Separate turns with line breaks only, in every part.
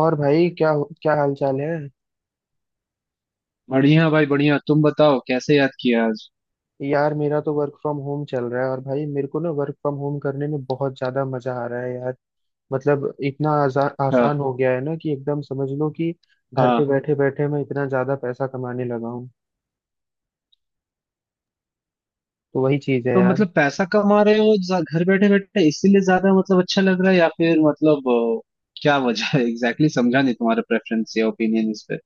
और भाई क्या क्या हाल चाल है।
बढ़िया भाई बढ़िया। तुम बताओ कैसे याद किया आज?
यार मेरा तो वर्क फ्रॉम होम चल रहा है और भाई मेरे को ना वर्क फ्रॉम होम करने में बहुत ज्यादा मजा आ रहा है यार। मतलब इतना
अच्छा।
आसान हो गया है ना कि एकदम समझ लो कि घर पे
हाँ,
बैठे बैठे मैं इतना ज्यादा पैसा कमाने लगा हूँ। तो वही चीज है
तो
यार।
मतलब पैसा कमा रहे हो घर बैठे बैठे इसीलिए ज्यादा मतलब अच्छा लग रहा है या फिर मतलब क्या वजह है? Exactly exactly। समझा नहीं तुम्हारा प्रेफरेंस या ओपिनियन इस पे।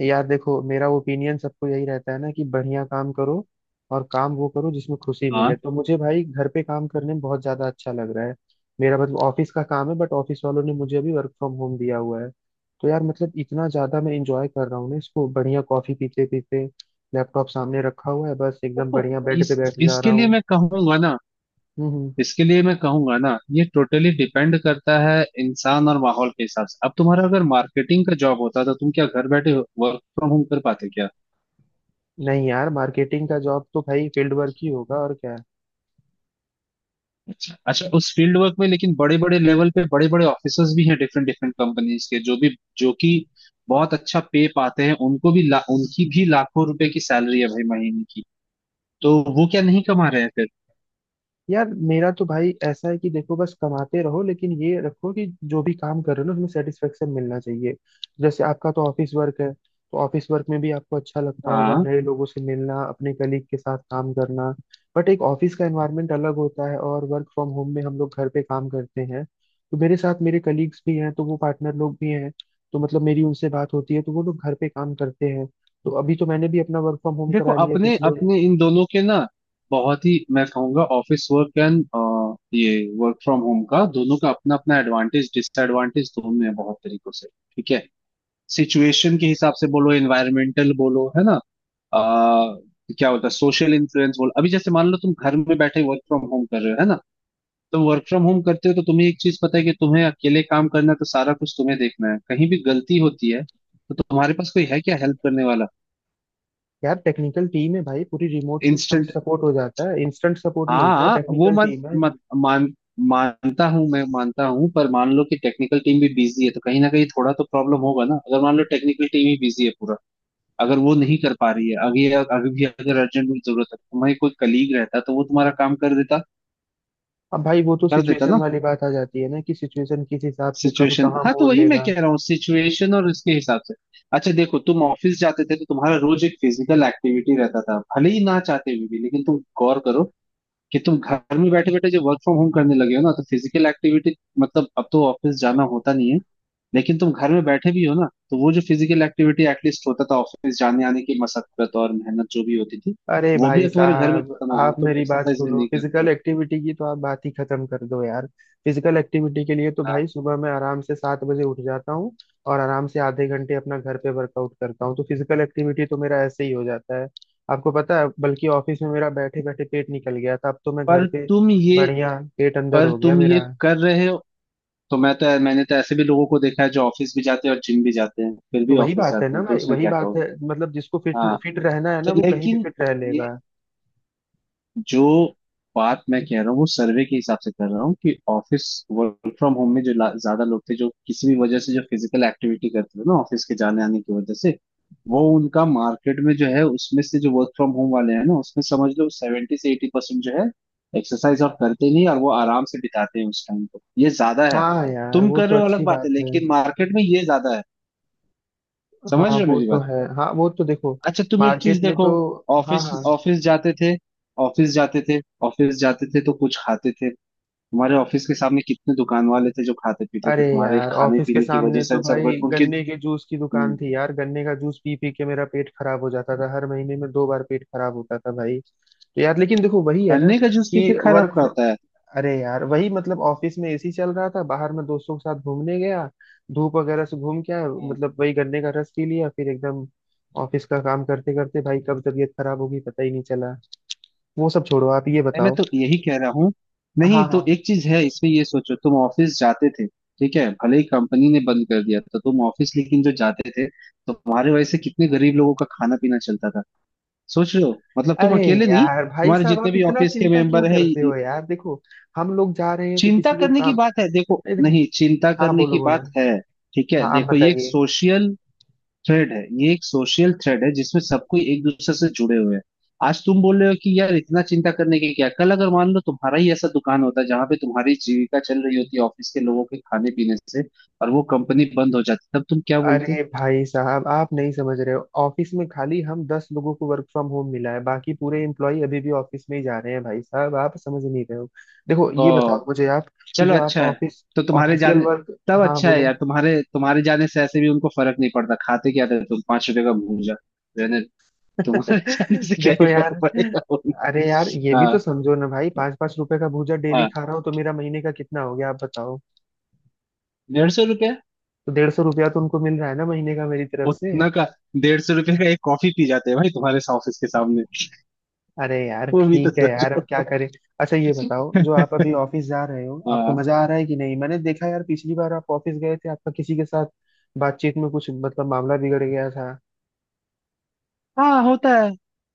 यार देखो मेरा ओपिनियन सबको यही रहता है ना कि बढ़िया काम करो और काम वो करो जिसमें खुशी
हाँ।
मिले, तो मुझे भाई घर पे काम करने में बहुत ज्यादा अच्छा लग रहा है। मेरा मतलब ऑफिस का काम है, बट ऑफिस वालों ने मुझे अभी वर्क फ्रॉम होम दिया हुआ है। तो यार मतलब इतना ज्यादा मैं इंजॉय कर रहा हूँ ना इसको, बढ़िया कॉफी पीते पीते लैपटॉप सामने रखा हुआ है, बस एकदम
देखो,
बढ़िया बेड
इस
पे बैठ जा रहा
इसके लिए
हूँ।
मैं कहूंगा ना
हम्म हम्म।
इसके लिए मैं कहूंगा ना, ये टोटली डिपेंड करता है इंसान और माहौल के हिसाब से। अब तुम्हारा अगर मार्केटिंग का जॉब होता तो तुम क्या घर बैठे वर्क फ्रॉम होम कर पाते क्या?
नहीं यार, मार्केटिंग का जॉब तो भाई फील्ड वर्क ही होगा और क्या।
अच्छा, उस फील्ड वर्क में लेकिन बड़े बड़े लेवल पे बड़े बड़े ऑफिसर्स भी हैं डिफरेंट डिफरेंट कंपनीज के, जो कि बहुत अच्छा पे पाते हैं, उनको भी उनकी भी लाखों रुपए की सैलरी है भाई महीने की। तो वो क्या नहीं कमा रहे हैं फिर?
यार मेरा तो भाई ऐसा है कि देखो बस कमाते रहो, लेकिन ये रखो कि जो भी काम कर रहे हो ना उसमें सेटिस्फेक्शन मिलना चाहिए। जैसे आपका तो ऑफिस वर्क है, तो ऑफिस वर्क में भी आपको अच्छा लगता होगा
हाँ।
नए लोगों से मिलना, अपने कलीग के साथ काम करना। बट एक ऑफिस का एनवायरनमेंट अलग होता है और वर्क फ्रॉम होम में हम लोग घर पे काम करते हैं। तो मेरे साथ मेरे कलीग्स भी हैं, तो वो पार्टनर लोग भी हैं, तो मतलब मेरी उनसे बात होती है, तो वो लोग घर पे काम करते हैं। तो अभी तो मैंने भी अपना वर्क फ्रॉम होम
देखो,
करा लिया
अपने
पिछले।
अपने इन दोनों के ना, बहुत ही मैं कहूंगा ऑफिस वर्क एंड ये वर्क फ्रॉम होम का, दोनों का अपना अपना एडवांटेज डिसएडवांटेज दोनों है बहुत तरीकों से। ठीक है। सिचुएशन के हिसाब से बोलो, एनवायरमेंटल बोलो, है ना। आ, क्या बोलता है, सोशल इन्फ्लुएंस बोल। अभी जैसे मान लो तुम घर में बैठे वर्क फ्रॉम होम कर रहे हो, है ना। तुम वर्क फ्रॉम होम करते हो तो तुम्हें एक चीज पता है कि तुम्हें अकेले काम करना है, तो सारा कुछ तुम्हें देखना है। कहीं भी गलती होती है तो तुम्हारे पास कोई है क्या हेल्प करने वाला?
यार टेक्निकल टीम है भाई, पूरी रिमोट सिस्टम
इंस्टेंट।
सपोर्ट हो जाता है, इंस्टेंट सपोर्ट मिलता है,
हाँ, वो
टेक्निकल
मान
टीम है।
मान मान- मानता हूँ, मैं मानता हूँ। पर मान लो कि टेक्निकल टीम भी बिजी है तो कहीं ना कहीं थोड़ा तो प्रॉब्लम होगा ना। अगर मान लो टेक्निकल टीम ही बिजी है पूरा, अगर वो नहीं कर पा रही है, अभी अभी भी अगर अर्जेंट में जरूरत है तुम्हारे, कोई कलीग रहता तो वो तुम्हारा काम कर देता।
अब भाई वो तो
कर देता
सिचुएशन
ना।
वाली बात आ जाती है ना कि सिचुएशन किस हिसाब से कब
सिचुएशन।
कहाँ
हाँ, तो
मोड़
वही मैं
लेगा।
कह रहा हूँ, सिचुएशन और उसके हिसाब से। अच्छा देखो, तुम ऑफिस जाते थे तो तुम्हारा रोज एक फिजिकल एक्टिविटी रहता था, भले ही ना चाहते हुए भी। लेकिन तुम गौर करो कि तुम घर में बैठे बैठे जो वर्क फ्रॉम होम करने लगे हो ना, तो फिजिकल एक्टिविटी मतलब अब तो ऑफिस जाना होता नहीं है, लेकिन तुम घर में बैठे भी हो ना, तो वो जो फिजिकल एक्टिविटी एटलीस्ट होता था ऑफिस जाने आने की, मशक्कत और मेहनत जो भी होती थी,
अरे
वो भी
भाई
अब तुम्हारे घर में
साहब,
खत्म हो गई।
आप
तुम
मेरी बात
एक्सरसाइज भी
सुनो,
नहीं करते हो।
फिजिकल एक्टिविटी की तो आप बात ही खत्म कर दो यार। फिजिकल एक्टिविटी के लिए तो
हाँ,
भाई सुबह मैं आराम से 7 बजे उठ जाता हूँ और आराम से आधे घंटे अपना घर पे वर्कआउट करता हूँ, तो फिजिकल एक्टिविटी तो मेरा ऐसे ही हो जाता है। आपको पता है बल्कि ऑफिस में मेरा बैठे बैठे पेट निकल गया था, अब तो मैं घर
पर
पे
तुम ये
बढ़िया पेट अंदर
पर
हो गया
तुम ये
मेरा।
कर रहे हो। मैंने तो ऐसे भी लोगों को देखा है जो ऑफिस भी जाते हैं और जिम भी जाते हैं, फिर
तो
भी
वही
ऑफिस
बात है
जाते
ना
हैं तो
भाई,
उसमें
वही
क्या
बात है,
कहोगे?
मतलब जिसको फिट
हाँ।
फिट रहना है
तो
ना वो कहीं भी
लेकिन
फिट रह
ये
लेगा।
जो बात मैं कह रहा हूँ वो सर्वे के हिसाब से कर रहा हूँ, कि ऑफिस वर्क फ्रॉम होम में जो ज्यादा लोग थे जो किसी भी वजह से जो फिजिकल एक्टिविटी करते थे ना ऑफिस के जाने आने की वजह से, वो उनका मार्केट में जो है उसमें से जो वर्क फ्रॉम होम वाले हैं ना, उसमें समझ लो 70 से 80% जो है एक्सरसाइज और करते नहीं, और वो आराम से बिताते हैं उस टाइम को, ये ज्यादा है।
हाँ यार
तुम
वो
कर
तो
रहे हो अलग
अच्छी
बात है,
बात है।
लेकिन मार्केट में ये ज्यादा है। समझ
हाँ
रहे हो
वो
मेरी
तो
बात?
है, हाँ वो तो देखो,
अच्छा, तुम एक चीज
मार्केट में
देखो।
तो, हाँ
ऑफिस
हाँ।
ऑफिस जाते थे ऑफिस जाते थे ऑफिस जाते थे तो कुछ खाते थे। तुम्हारे ऑफिस के सामने कितने दुकान वाले थे जो खाते पीते थे
अरे
तुम्हारे
यार
खाने
ऑफिस के
पीने की वजह
सामने तो
से,
भाई
उनके।
गन्ने के जूस की दुकान
हम्म।
थी यार, गन्ने का जूस पी पी के मेरा पेट खराब हो जाता था, हर महीने में दो बार पेट खराब होता था भाई। तो यार लेकिन देखो वही है ना
गन्ने का जूस
कि
पीते खराब
वर्क फ्रॉम
करता है।
अरे यार वही मतलब ऑफिस में एसी चल रहा था, बाहर में दोस्तों के साथ घूमने गया, धूप वगैरह से घूम के आया,
हम्म।
मतलब वही गन्ने का रस पी लिया, फिर एकदम ऑफिस का काम करते करते भाई कब तबीयत खराब होगी पता ही नहीं चला। वो सब छोड़ो, आप ये
नहीं, मैं
बताओ।
तो यही कह रहा हूँ। नहीं
हाँ हाँ।
तो एक चीज है इसमें, ये सोचो, तुम ऑफिस जाते थे, ठीक है, भले ही कंपनी ने बंद कर दिया तो तुम ऑफिस लेकिन जो जाते थे, तुम्हारे वजह से कितने गरीब लोगों का खाना पीना चलता था? सोच रहे हो, मतलब तुम
अरे
अकेले नहीं,
यार भाई
तुम्हारे
साहब
जितने
आप
भी
इतना
ऑफिस के
चिंता क्यों
मेंबर हैं
करते हो यार, देखो हम लोग जा रहे हैं तो
चिंता
किसी को
करने की
काम।
बात है। देखो
नहीं देखो।
नहीं, चिंता
हाँ
करने
बोलो
की
बोलो।
बात है। ठीक है
हाँ आप
देखो,
बताइए।
ये एक सोशल थ्रेड है जिसमें सबको एक दूसरे से जुड़े हुए हैं। आज तुम बोल रहे हो कि यार इतना चिंता करने की क्या, कल अगर मान लो तुम्हारा ही ऐसा दुकान होता जहां पे तुम्हारी जीविका चल रही होती ऑफिस के लोगों के खाने पीने से, और वो कंपनी बंद हो जाती, तब तुम क्या बोलते?
अरे भाई साहब आप नहीं समझ रहे हो, ऑफिस में खाली हम 10 लोगों को वर्क फ्रॉम होम मिला है, बाकी पूरे एम्प्लॉय अभी भी ऑफिस में ही जा रहे हैं, भाई साहब आप समझ नहीं रहे हो। देखो ये बताओ मुझे आप कि
चलो,
जो आप
अच्छा है।
ऑफिस
तो तुम्हारे
ऑफिशियल
जाने
वर्क।
तब
हाँ
अच्छा है
बोलो।
यार, तुम्हारे तुम्हारे जाने से ऐसे भी उनको फर्क नहीं पड़ता। खाते क्या थे तुम, 5 रुपए का भूजा, रहने तुम्हारे जाने से क्या
देखो
ही
यार,
फर्क पड़ेगा उनको।
अरे यार ये भी
हाँ,
तो समझो ना भाई, ₹5 ₹5 का भूजा डेली
हाँ।
खा रहा हूँ तो मेरा महीने का कितना हो गया आप बताओ।
150 रुपया।
तो 150 रुपया तो उनको मिल रहा है ना महीने का मेरी तरफ से।
उतना का 150 रुपये का एक कॉफी पी जाते हैं भाई तुम्हारे ऑफिस के सामने।
अरे यार
वो भी तो
ठीक है यार,
सोचो।
अब क्या करें। अच्छा ये बताओ जो आप अभी ऑफिस जा रहे हो आपको
हाँ,
मजा आ रहा है कि नहीं, मैंने देखा यार पिछली बार आप ऑफिस गए थे आपका किसी के साथ बातचीत में कुछ मतलब मामला बिगड़ गया था।
हाँ, होता है।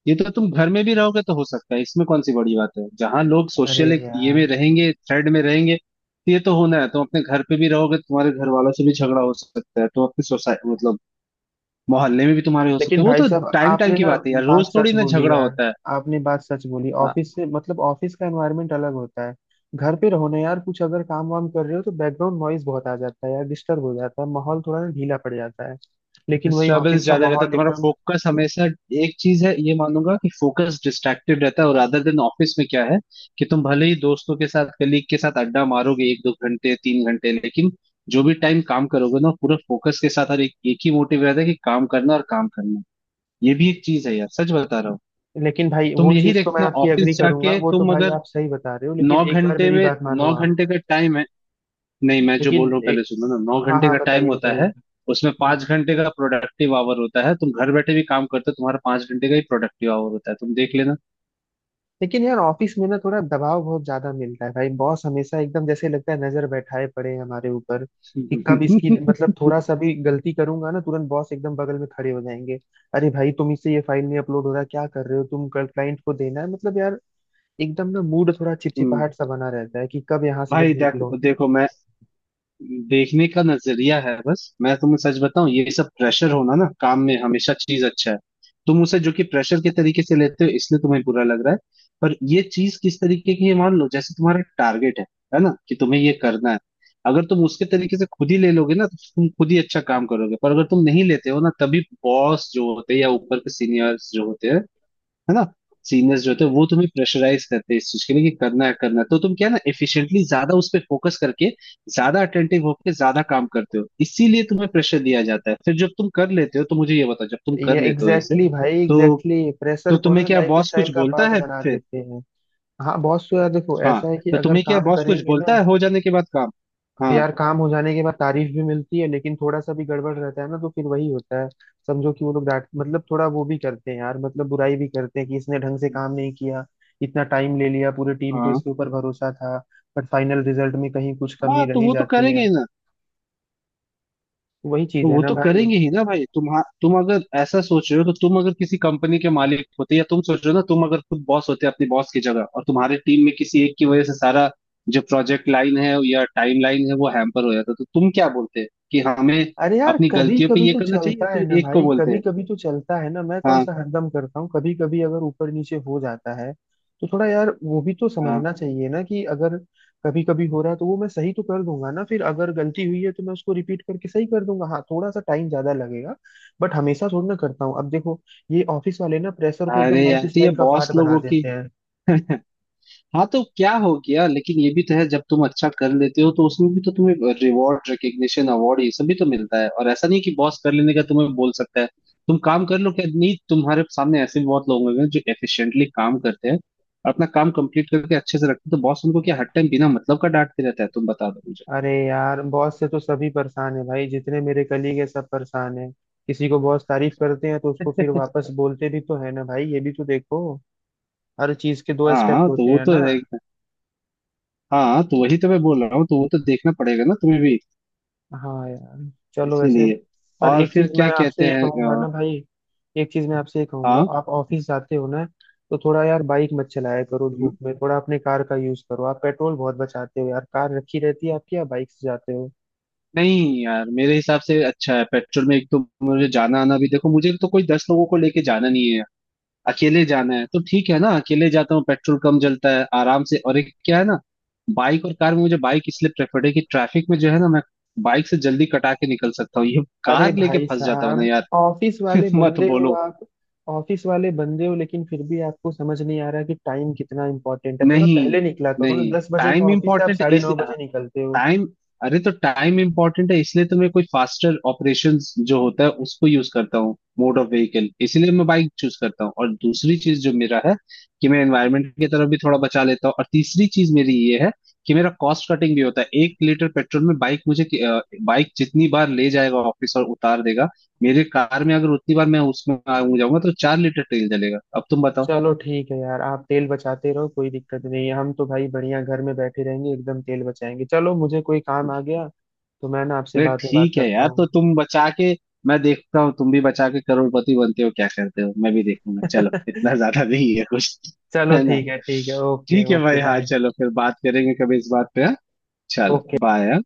ये तो तुम घर में भी रहोगे तो हो सकता है, इसमें कौन सी बड़ी बात है। जहां लोग
अरे
सोशल एक ये
यार,
में रहेंगे, थ्रेड में रहेंगे, तो ये तो होना है। तुम अपने घर पे भी रहोगे तुम्हारे घर वालों से भी झगड़ा हो सकता है। तुम अपने सोसाइटी मतलब मोहल्ले में भी तुम्हारे हो सकते
लेकिन
हैं। वो
भाई
तो
साहब
टाइम टाइम
आपने
की
ना
बात है यार,
बात
रोज थोड़ी
सच
ना
बोली
झगड़ा
यार,
होता है।
आपने बात सच बोली,
हाँ।
ऑफिस से मतलब ऑफिस का एनवायरनमेंट अलग होता है। घर पे रहो ना यार, कुछ अगर काम वाम कर रहे हो तो बैकग्राउंड नॉइज बहुत आ जाता है यार, डिस्टर्ब हो जाता है, माहौल थोड़ा ना ढीला पड़ जाता है। लेकिन वही
डिस्टर्बेंस
ऑफिस का
ज्यादा रहता है,
माहौल
तुम्हारा
एकदम।
फोकस हमेशा एक चीज है। ये मानूंगा कि फोकस डिस्ट्रैक्टेड रहता है, और अदर देन ऑफिस में क्या है कि तुम भले ही दोस्तों के साथ कलीग के साथ अड्डा मारोगे एक दो घंटे 3 घंटे, लेकिन जो भी टाइम काम करोगे ना पूरा फोकस के साथ, और एक ही मोटिव रहता है कि काम करना और काम करना। ये भी एक चीज है यार, सच बता रहा हूँ।
लेकिन भाई
तुम
वो
यही
चीज तो मैं
देखना
आपकी एग्री
ऑफिस
करूंगा,
जाके,
वो तो
तुम
भाई
अगर
आप सही बता रहे हो, लेकिन
नौ
एक बार
घंटे
मेरी
में,
बात मानो
नौ
आप।
घंटे का टाइम है, नहीं मैं जो बोल
लेकिन
रहा हूँ पहले
एक
सुनो ना, नौ
हाँ
घंटे
हाँ
का टाइम
बताइए
होता
बताइए।
है। उसमें 5 घंटे का प्रोडक्टिव आवर होता है। तुम घर बैठे भी काम करते हो, तुम्हारा 5 घंटे का ही प्रोडक्टिव आवर होता है, तुम देख लेना।
लेकिन यार ऑफिस में ना थोड़ा दबाव बहुत ज्यादा मिलता है भाई, बॉस हमेशा एकदम जैसे लगता है नजर बैठाए पड़े हैं हमारे ऊपर कि कब इसकी, मतलब थोड़ा सा भी गलती करूंगा ना तुरंत बॉस एकदम बगल में खड़े हो जाएंगे। अरे भाई तुम इससे ये फाइल नहीं अपलोड हो रहा, क्या कर रहे हो तुम, कल क्लाइंट को देना है, मतलब यार एकदम ना मूड थोड़ा
हम्म।
चिपचिपाहट सा बना रहता है कि कब यहाँ से बस
भाई
निकलो।
देखो देखो, मैं देखने का नजरिया है बस। मैं तुम्हें सच बताऊं, ये सब प्रेशर होना ना काम में, हमेशा चीज अच्छा है। तुम उसे जो कि प्रेशर के तरीके से लेते हो इसलिए तुम्हें बुरा लग रहा है। पर ये चीज किस तरीके की है, मान लो जैसे तुम्हारा टारगेट है ना कि तुम्हें ये करना है। अगर तुम उसके तरीके से खुद ही ले लोगे ना तो तुम खुद ही अच्छा काम करोगे, पर अगर तुम नहीं लेते हो ना तभी बॉस जो होते हैं, या ऊपर के सीनियर्स जो होते हैं, है ना, सीनियर्स जो होते हैं वो तुम्हें प्रेशराइज करते हैं इस चीज के लिए कि करना है करना है। तो तुम क्या है ना एफिशिएंटली ज्यादा उस पर फोकस करके ज्यादा अटेंटिव होकर ज्यादा काम करते हो, इसीलिए तुम्हें प्रेशर दिया जाता है। फिर जब तुम कर लेते हो तो मुझे ये बताओ, जब तुम
ये
कर
एग्जैक्टली
लेते हो ऐसे
exactly भाई,
तो
एग्जैक्टली exactly, प्रेशर
तो
को
तुम्हें
ना
क्या
लाइफ
बॉस
स्टाइल
कुछ
का
बोलता
पार्ट
है
बना
फिर?
देते हैं। हाँ बॉस तो यार देखो
हाँ।
ऐसा है कि
तो
अगर
तुम्हें क्या
काम
बॉस कुछ
करेंगे
बोलता
ना।
है हो जाने के बाद काम? हाँ।
यार काम हो जाने के बाद तारीफ भी मिलती है, लेकिन थोड़ा सा भी गड़बड़ रहता है ना तो फिर वही होता है, समझो कि वो लोग डांट मतलब थोड़ा वो भी करते हैं यार, मतलब बुराई भी करते हैं कि इसने ढंग से काम नहीं किया, इतना टाइम ले लिया, पूरी टीम को
हाँ।
इसके ऊपर भरोसा था, बट फाइनल रिजल्ट में कहीं कुछ कमी
हाँ,
रह
तो
ही
वो तो
जाती है।
करेंगे ना।
वही चीज
तो
है
वो
ना
तो
भाई।
करेंगे ही ना भाई। तुम अगर ऐसा सोच रहे हो तो, तुम अगर किसी कंपनी के मालिक होते, या तुम सोच रहे हो ना, तुम अगर खुद बॉस होते अपनी बॉस की जगह और तुम्हारे टीम में किसी एक की वजह से सारा जो प्रोजेक्ट लाइन है या टाइम लाइन है वो हैम्पर हो जाता, तो तुम क्या बोलते? कि हमें
अरे यार
अपनी
कभी
गलतियों पे
कभी
ये
तो
करना चाहिए,
चलता है
फिर
ना
एक को
भाई,
बोलते
कभी
हैं।
कभी तो चलता है ना, मैं कौन
हाँ,
सा हरदम करता हूँ, कभी कभी अगर ऊपर नीचे हो जाता है तो थोड़ा यार वो भी तो
हाँ।
समझना चाहिए ना कि अगर कभी कभी हो रहा है तो वो मैं सही तो कर दूंगा ना फिर, अगर गलती हुई है तो मैं उसको रिपीट करके सही कर दूंगा, हाँ थोड़ा सा टाइम ज्यादा लगेगा, बट हमेशा थोड़ी ना करता हूँ। अब देखो ये ऑफिस वाले ना प्रेशर को
अरे
एकदम लाइफ
यार तो ये
स्टाइल का
बॉस
पार्ट बना
लोगों की
देते हैं।
हाँ, तो क्या हो गया, लेकिन ये भी तो है, जब तुम अच्छा कर लेते हो तो उसमें भी तो तुम्हें रिवॉर्ड, रिकग्निशन, अवार्ड ये सब भी तो मिलता है। और ऐसा नहीं कि बॉस कर लेने का तुम्हें बोल सकता है, तुम काम कर लो क्या नहीं, तुम्हारे सामने ऐसे भी बहुत लोग होंगे जो एफिशिएंटली काम करते हैं और अपना काम कंप्लीट करके अच्छे से रखते हैं, तो बॉस उनको क्या हर टाइम बिना मतलब का डांटते रहता है, तुम बता दो मुझे।
अरे यार बॉस से तो सभी परेशान है भाई, जितने मेरे कलीग है सब परेशान है, किसी को बॉस तारीफ करते हैं तो उसको फिर वापस बोलते भी तो है ना भाई, ये भी तो देखो हर चीज के दो एस्पेक्ट
हाँ तो
होते
वो
हैं
तो
ना।
रहेगा। हाँ तो वही तो मैं बोल रहा हूँ, तो वो तो देखना पड़ेगा ना तुम्हें भी,
हाँ यार चलो वैसे,
इसीलिए।
पर
और
एक
फिर
चीज मैं
क्या
आपसे
कहते
ये
हैं
कहूंगा ना भाई, एक चीज मैं आपसे ये कहूंगा,
हाँ।
आप ऑफिस जाते हो ना, तो थोड़ा यार बाइक मत चलाया करो धूप में, थोड़ा अपने कार का यूज करो आप, पेट्रोल बहुत बचाते हो यार, कार रखी रहती है आपकी या बाइक से जाते हो।
नहीं यार मेरे हिसाब से अच्छा है, पेट्रोल में एक तो, मुझे जाना आना भी देखो, मुझे तो कोई 10 लोगों को लेके जाना नहीं है, अकेले जाना है तो ठीक है ना, अकेले जाता हूँ, पेट्रोल कम जलता है आराम से। और एक क्या है ना, बाइक और कार में मुझे बाइक इसलिए प्रेफर्ड है कि ट्रैफिक में जो है ना, मैं बाइक से जल्दी कटा के निकल सकता हूँ, ये
अरे
कार लेके
भाई
फंस जाता हूँ ना
साहब
यार।
ऑफिस वाले
मत
बंदे हो
बोलो।
आप, ऑफिस वाले बंदे हो लेकिन फिर भी आपको समझ नहीं आ रहा कि टाइम कितना इंपॉर्टेंट है, थोड़ा
नहीं,
पहले निकला करो ना,
नहीं।
10 बजे का
टाइम
ऑफिस से आप
इम्पोर्टेंट
साढ़े
इस
नौ बजे निकलते हो।
टाइम। अरे, तो टाइम इंपॉर्टेंट है इसलिए तो मैं कोई फास्टर ऑपरेशंस जो होता है उसको यूज करता हूँ, मोड ऑफ व्हीकल, इसीलिए मैं बाइक चूज करता हूँ। और दूसरी चीज जो मेरा है कि मैं एनवायरनमेंट की तरफ भी थोड़ा बचा लेता हूँ। और तीसरी चीज मेरी ये है कि मेरा कॉस्ट कटिंग भी होता है। 1 लीटर पेट्रोल में बाइक जितनी बार ले जाएगा ऑफिस और उतार देगा, मेरे कार में अगर उतनी बार मैं उसमें आ जाऊंगा तो 4 लीटर तेल जलेगा। अब तुम बताओ।
चलो ठीक है यार, आप तेल बचाते रहो, कोई दिक्कत नहीं है, हम तो भाई बढ़िया घर में बैठे रहेंगे एकदम, तेल बचाएंगे। चलो मुझे कोई काम आ गया तो मैं ना आपसे
अरे
बाद में बात
ठीक है
करता
यार,
हूँ।
तो तुम बचा के, मैं देखता हूँ तुम भी बचा के करोड़पति बनते हो क्या करते हो, मैं भी देखूंगा। चलो इतना ज्यादा नहीं है कुछ।
चलो
है ना?
ठीक है ठीक है, ओके
ठीक है
ओके,
भाई। हाँ
बाय।
चलो, फिर बात करेंगे कभी इस बात पे, हाँ? चलो
ओके।
बाय।